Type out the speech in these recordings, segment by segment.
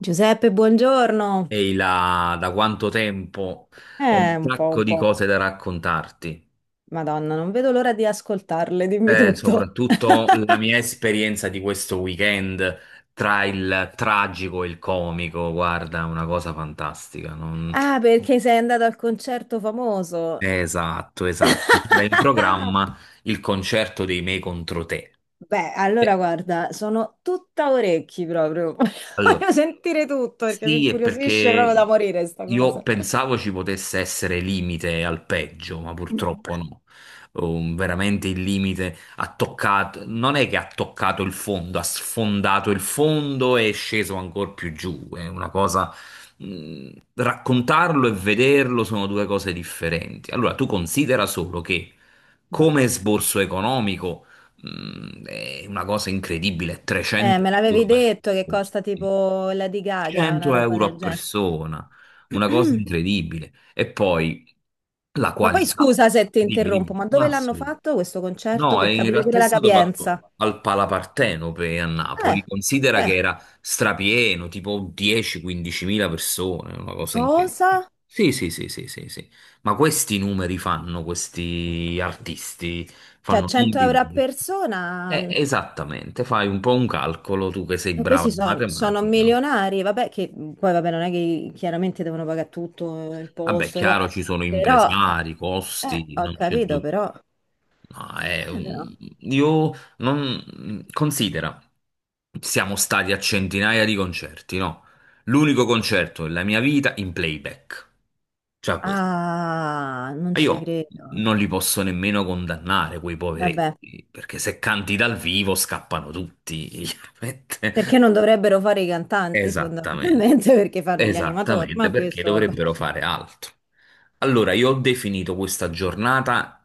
Giuseppe, buongiorno. Ehi là, da quanto tempo? Ho un Un po', sacco un di po'. cose da raccontarti. Madonna, non vedo l'ora di ascoltarle, dimmi tutto. Soprattutto la mia esperienza di questo weekend tra il tragico e il comico, guarda, una cosa fantastica. Ah, perché sei andato al concerto famoso? Esatto, esatto. C'era in programma il concerto dei Me contro te. Beh, allora Eh, guarda, sono tutta orecchi proprio. Allora, Voglio sentire tutto perché mi sì, è incuriosisce proprio da perché morire sta io cosa. pensavo ci potesse essere limite al peggio, ma purtroppo no. Veramente il limite ha toccato, non è che ha toccato il fondo, ha sfondato il fondo e è sceso ancora più giù. È una cosa. Raccontarlo e vederlo sono due cose differenti. Allora, tu considera solo che Ma- come sborso economico. È una cosa incredibile, 300 Me l'avevi euro per detto che costa persona. tipo la di Gaga, una 100 roba euro del a genere. persona, una cosa incredibile. E poi la Ma poi qualità. scusa se ti Dimmi, interrompo, dimmi, ma dove l'hanno Massimo. fatto questo concerto No, per e in capire realtà pure è la stato capienza? fatto al Palapartenope a Eh, Napoli. Considera che beh, era strapieno, tipo 10-15 mila persone, una cosa incredibile. Cosa? Sì, sì, sì, sì, sì, sì. Ma questi numeri fanno, questi artisti Cioè fanno 100 euro a numeri. persona? Esattamente, fai un po' un calcolo tu che sei brava Questi in sono matematica. milionari, vabbè, che poi vabbè, non è che chiaramente devono pagare tutto il Vabbè, posto, le chiaro, cose, ci sono però, impresari, costi, ho non c'è capito, dubbio. però, No, eh, però. Io non... Considera, siamo stati a centinaia di concerti, no? L'unico concerto della mia vita in playback. Cioè questo. Ah, non Ma ci io credo. non li posso nemmeno condannare, quei Vabbè, poveretti, perché se canti dal vivo scappano tutti, chiaramente. perché non dovrebbero fare i cantanti Esattamente, fondamentalmente perché fanno gli animatori, esattamente, ma perché questo, vabbè. dovrebbero fare altro. Allora, io ho definito questa giornata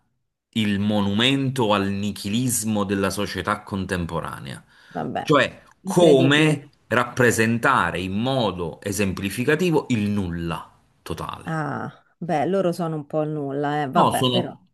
il monumento al nichilismo della società contemporanea, Vabbè, cioè come incredibile. rappresentare in modo esemplificativo il nulla totale. ah, Beh, loro sono un po' il nulla, No, vabbè, però. sono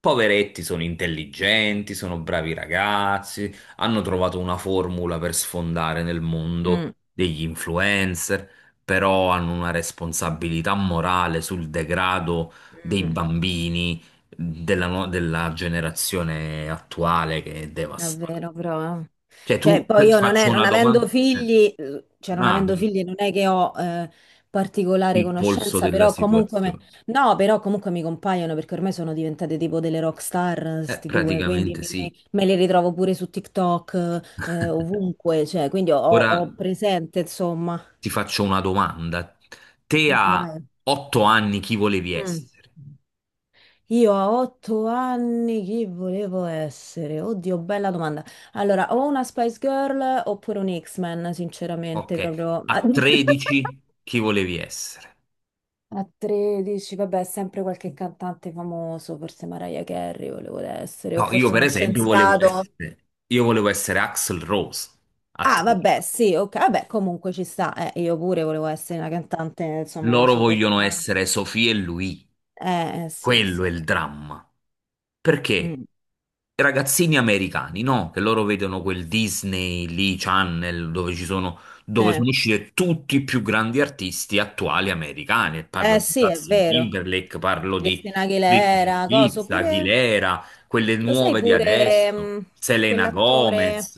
poveretti, sono intelligenti, sono bravi ragazzi, hanno trovato una formula per sfondare nel mondo Mm, degli influencer, però hanno una responsabilità morale sul degrado dei mm, bambini della, no- della generazione attuale che è devastante. davvero, però. Cioè, Cioè, tu poi ti io non è, faccio non una avendo domanda. Figli, non Ah, avendo quindi figli non è che ho particolare il polso conoscenza, della però comunque, situazione. no, però comunque mi compaiono perché ormai sono diventate tipo delle rock star, sti due, quindi Praticamente sì. me le ritrovo pure su TikTok, ovunque, cioè, quindi Ora. ho presente, insomma. Ti faccio una domanda. Te a Vai. 8 anni chi volevi Mm. essere? Io a 8 anni chi volevo essere? Oddio, bella domanda. Allora, o una Spice Girl oppure un X-Men, Ok, sinceramente, proprio. A 13 chi volevi essere? a 13, vabbè, sempre qualche cantante famoso, forse Mariah Carey volevo essere, o No, io forse per uno esempio volevo scienziato. essere, io volevo essere Axl Rose a Ah, 13. vabbè, sì, ok, vabbè, comunque ci sta. Io pure volevo essere una cantante, insomma, una Loro vogliono superstar. essere Sofì e lui. Sì, Quello sì. è il dramma. Perché Mm, i ragazzini americani, no? Che loro vedono quel Disney lì, Channel, dove ci sono, sì. dove sono usciti tutti i più grandi artisti attuali americani. Parlo di Sì, è Justin vero. Timberlake, parlo di Cristina Britney Aguilera, coso, Spears, pure... Aguilera, quelle Lo sai nuove di pure, adesso, Selena quell'attore... Gomez,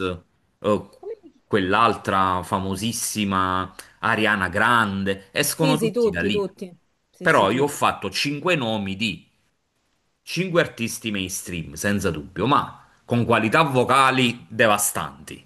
eh, Come si chiama? quell'altra famosissima Ariana Grande, Sì, escono sì, tutti da tutti, lì. tutti. Sì, sì, Però io ho tutti. fatto cinque nomi di cinque artisti mainstream, senza dubbio, ma con qualità vocali devastanti,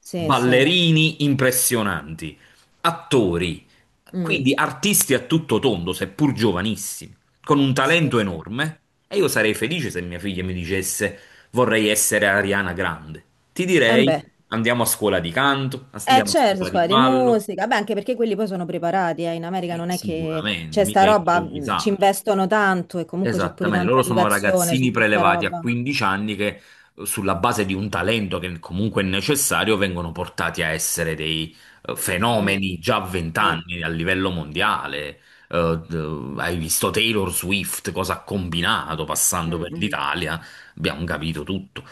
Sì, sì. ballerini impressionanti, attori, Mm, quindi artisti a tutto tondo, seppur giovanissimi, con un sì, talento sì. enorme. E io sarei felice se mia figlia mi dicesse vorrei essere Ariana Grande. Ti E direi beh. andiamo a scuola di canto, Eh andiamo a certo, scuola di scuola di ballo. musica, beh anche perché quelli poi sono preparati, eh. In America non è che Sicuramente, c'è sta mica è roba, ci improvvisato. investono tanto e comunque c'è pure Esattamente, tanta loro sono educazione ragazzini su questa prelevati a roba. 15 anni che sulla base di un talento che comunque è necessario vengono portati a essere dei Mm, fenomeni già a 20 sì, anni a livello sì. mondiale. Hai visto Taylor Swift, cosa ha combinato passando Mm, per mm, l'Italia, abbiamo capito tutto.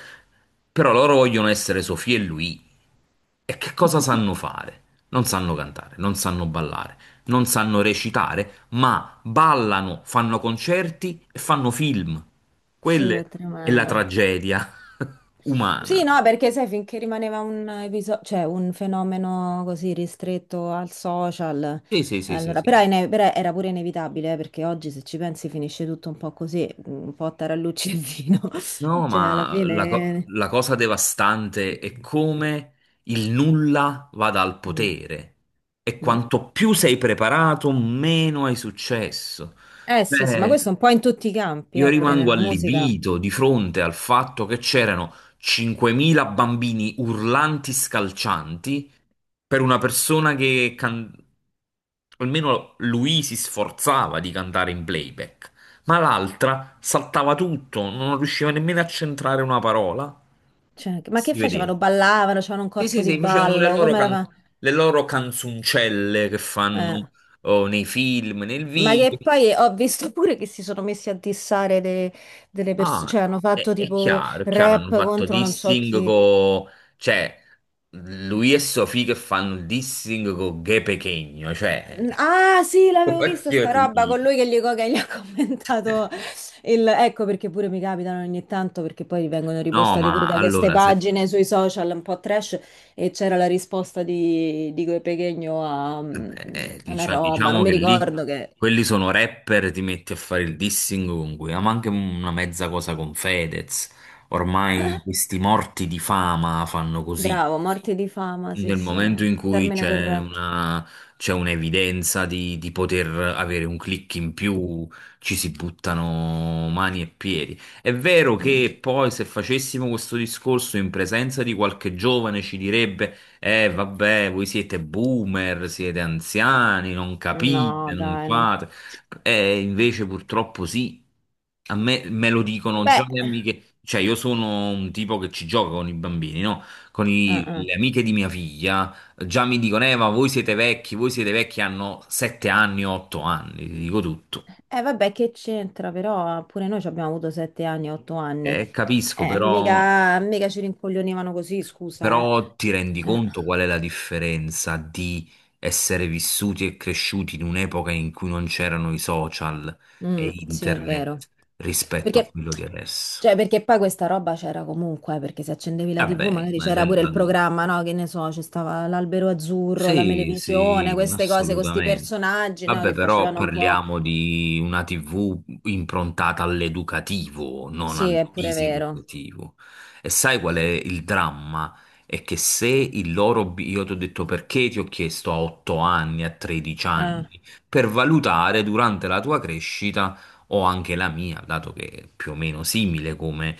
Però loro vogliono certo. essere Sofì e lui. E che cosa sanno fare? Non sanno cantare, non sanno ballare, non sanno recitare, ma ballano, fanno concerti e fanno film. Sì, Quella è è la tremendo. tragedia Sì, umana. no, perché sai, finché rimaneva un episodio, cioè un fenomeno così ristretto al social, Sì, sì, sì, sì, allora, però, sì. Però era pure inevitabile, perché oggi se ci pensi finisce tutto un po' così, un po' a tarallucci e vino, No, cioè alla ma fine... la cosa devastante è come il nulla vada al Mm, potere e mm. quanto più sei preparato, meno hai successo. Eh sì, sì, ma Cioè, questo è un po' in tutti i campi, io pure rimango nella musica. allibito di fronte al fatto che c'erano 5.000 bambini urlanti, scalcianti, per una persona che almeno lui si sforzava di cantare in playback, ma l'altra saltava tutto, non riusciva nemmeno a centrare una parola. Cioè, ma che Si vedeva. facevano? Ballavano, c'avevano un Sì, corpo sì, di sì, facevano le ballo, loro, come le loro canzoncelle che fanno era? oh, nei film, nel Ma video. che poi ho visto pure che si sono messi a delle persone, cioè Ah, hanno fatto è tipo chiaro, è chiaro, hanno rap fatto contro non so dissing chi. con... Cioè, lui e Sofì che fanno il dissing con Ghe Pechegno, cioè... Ah sì, l'avevo vista voglio sta roba dire. con lui che che gli ha commentato il... Ecco perché pure mi capitano ogni tanto perché poi vengono No, ripostati pure ma da queste allora, pagine sui social un po' trash e c'era la risposta di quel Pechegno a vabbè, una roba, non diciamo mi che lì ricordo che... quelli sono rapper, ti metti a fare il dissing con cui, ma anche una mezza cosa con Fedez. Ormai questi morti di fama fanno così. Bravo, morti di fama, sì Nel sì, è momento il in cui termine c'è corretto. una, c'è un'evidenza di poter avere un click in più, ci si buttano mani e piedi. È vero Mm. che poi se facessimo questo discorso in presenza di qualche giovane ci direbbe: vabbè, voi siete boomer, siete anziani, non No, capite, non dai, non... fate. E invece purtroppo sì. A me, me lo dicono già Beh, le amiche, cioè io sono un tipo che ci gioca con i bambini, no? Con eh. le amiche di mia figlia, già mi dicono, ma voi siete vecchi, hanno 7 anni, 8 anni, ti dico tutto. Vabbè, che c'entra, però pure noi ci abbiamo avuto 7 anni, 8 anni. Capisco, però, Mica, mica ci rincoglionivano così, scusa, eh. però ti rendi Eh, conto qual è la differenza di essere vissuti e cresciuti in un'epoca in cui non c'erano i social e mm, sì, è vero. internet rispetto a Perché, quello di adesso? cioè, perché poi questa roba c'era comunque, perché se accendevi la TV Vabbè, magari ma c'era pure senza il dubbio. programma, no? Che ne so, c'è stava l'Albero Azzurro, la Sì, Melevisione, sì, queste cose con questi assolutamente. personaggi, no? Vabbè, Che però facevano un po'... parliamo di una TV improntata all'educativo, non Sì, al è pure vero. diseducativo. E sai qual è il dramma? È che se il loro... Io ti ho detto perché ti ho chiesto a 8 anni, a 13 Eh, anni, per valutare durante la tua crescita o anche la mia, dato che è più o meno simile come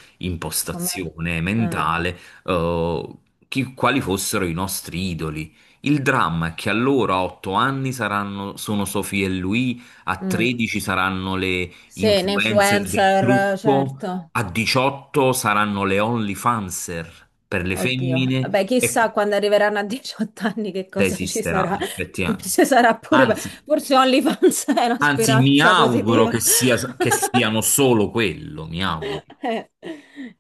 come... impostazione mentale, eh, quali fossero i nostri idoli. Il dramma è che allora a 8 anni saranno, sono Sophie e lui, a Mm. 13 saranno le Sì, un influencer del influencer, trucco, certo. a 18 saranno le OnlyFanser per le Oddio. femmine Vabbè, e chissà quando arriveranno a 18 anni che se cosa ci esisterà sarà. effettivamente. Forse sarà pure... Anzi, Forse OnlyFans è una anzi, mi speranza auguro positiva. che sia, che siano solo quello, mi auguro. Eh,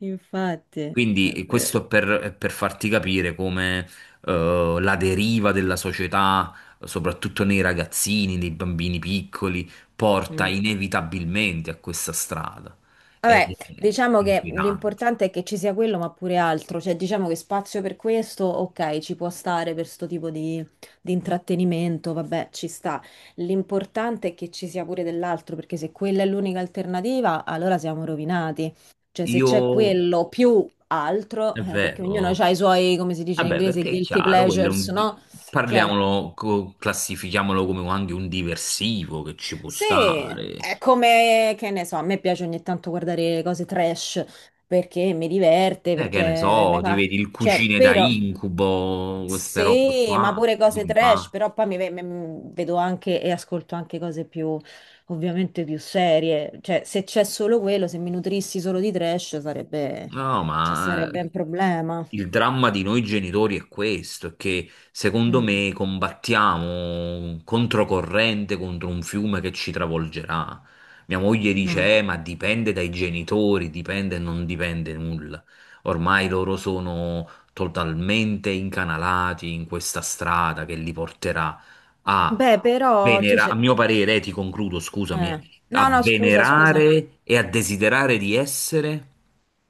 infatti, è Quindi vero. questo è per farti capire come la deriva della società, soprattutto nei ragazzini, nei bambini piccoli, porta Mm. inevitabilmente a questa strada. Ed Vabbè, è diciamo che inquietante. l'importante è che ci sia quello, ma pure altro, cioè diciamo che spazio per questo, ok, ci può stare per sto tipo di intrattenimento, vabbè, ci sta. L'importante è che ci sia pure dell'altro, perché se quella è l'unica alternativa, allora siamo rovinati. Cioè se Io, c'è quello più altro, è perché ognuno vero, ha i suoi, come si dice in vabbè, inglese, perché è guilty chiaro, pleasures, no? Cioè... parliamolo, classifichiamolo come anche un diversivo che ci può Sì, stare. è come, che ne so, a me piace ogni tanto guardare le cose trash perché mi diverte, Che ne perché so, mi ti fa... vedi il Cioè, cucine da però... incubo, queste robe Sì, ma qua. pure cose trash, però poi vedo anche e ascolto anche cose più, ovviamente più serie. Cioè, se c'è solo quello, se mi nutrissi solo di trash sarebbe, No, cioè, ma sarebbe sì. un problema. Il dramma di noi genitori è questo, è che secondo Mm, me combattiamo controcorrente contro un fiume che ci travolgerà. Mia moglie mm. dice, ma dipende dai genitori, dipende e non dipende nulla." Ormai loro sono totalmente incanalati in questa strada che li porterà a Beh, però tu c'è... a mio parere, ti concludo, scusami, eh. a No, no, scusa, scusa. venerare e a desiderare di essere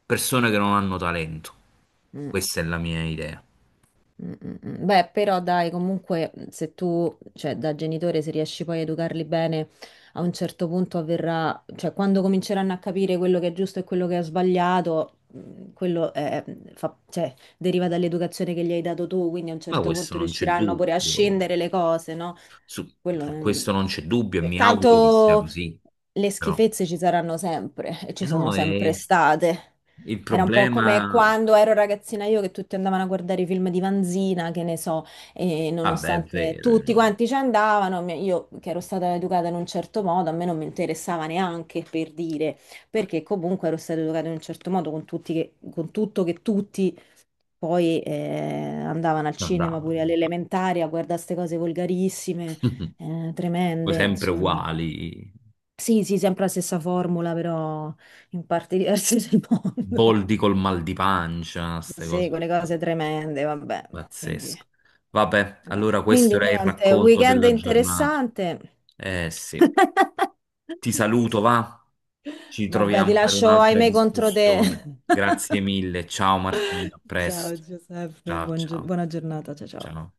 persone che non hanno talento. Mm. Questa è la mia idea. Mm, mm, mm. Beh, però dai, comunque se tu, cioè da genitore, se riesci poi a educarli bene, a un certo punto avverrà, cioè quando cominceranno a capire quello che è giusto e quello che è sbagliato, mm, cioè, deriva dall'educazione che gli hai dato tu, quindi a un Ma certo questo punto non c'è riusciranno pure a dubbio. scendere le cose, no? Su, Quello è... su mm, questo non c'è dubbio e mi auguro che sia tanto così. le Però, schifezze ci saranno sempre e e ci sono no, sempre e state. il Era un po' come problema... quando ero ragazzina io che tutti andavano a guardare i film di Vanzina, che ne so, e Vabbè, è nonostante vero, io tutti non quanti ci andavano, io che ero stata educata in un certo modo, a me non mi interessava neanche per dire, perché comunque ero stata educata in un certo modo con con tutto che tutti poi andavano al non cinema andavo. pure all'elementare a guardare queste cose volgarissime, Poi tremende, sempre insomma. uguali, Sì, sì, sempre la stessa formula, però in parti diverse del mondo. boldi col mal di pancia, queste Sì, cose quelle qua. cose tremende, vabbè. Quindi, Pazzesco. Vabbè, vabbè. allora questo Quindi era il niente, racconto weekend della giornata. interessante. Eh sì, ti Ti saluto, scu- va? Ci Vabbè, ti troviamo per lascio un'altra ahimè contro te. discussione. Grazie mille, ciao Martina, a Ciao presto. Giuseppe, Ciao, ciao, buona giornata, ciao ciao. ciao.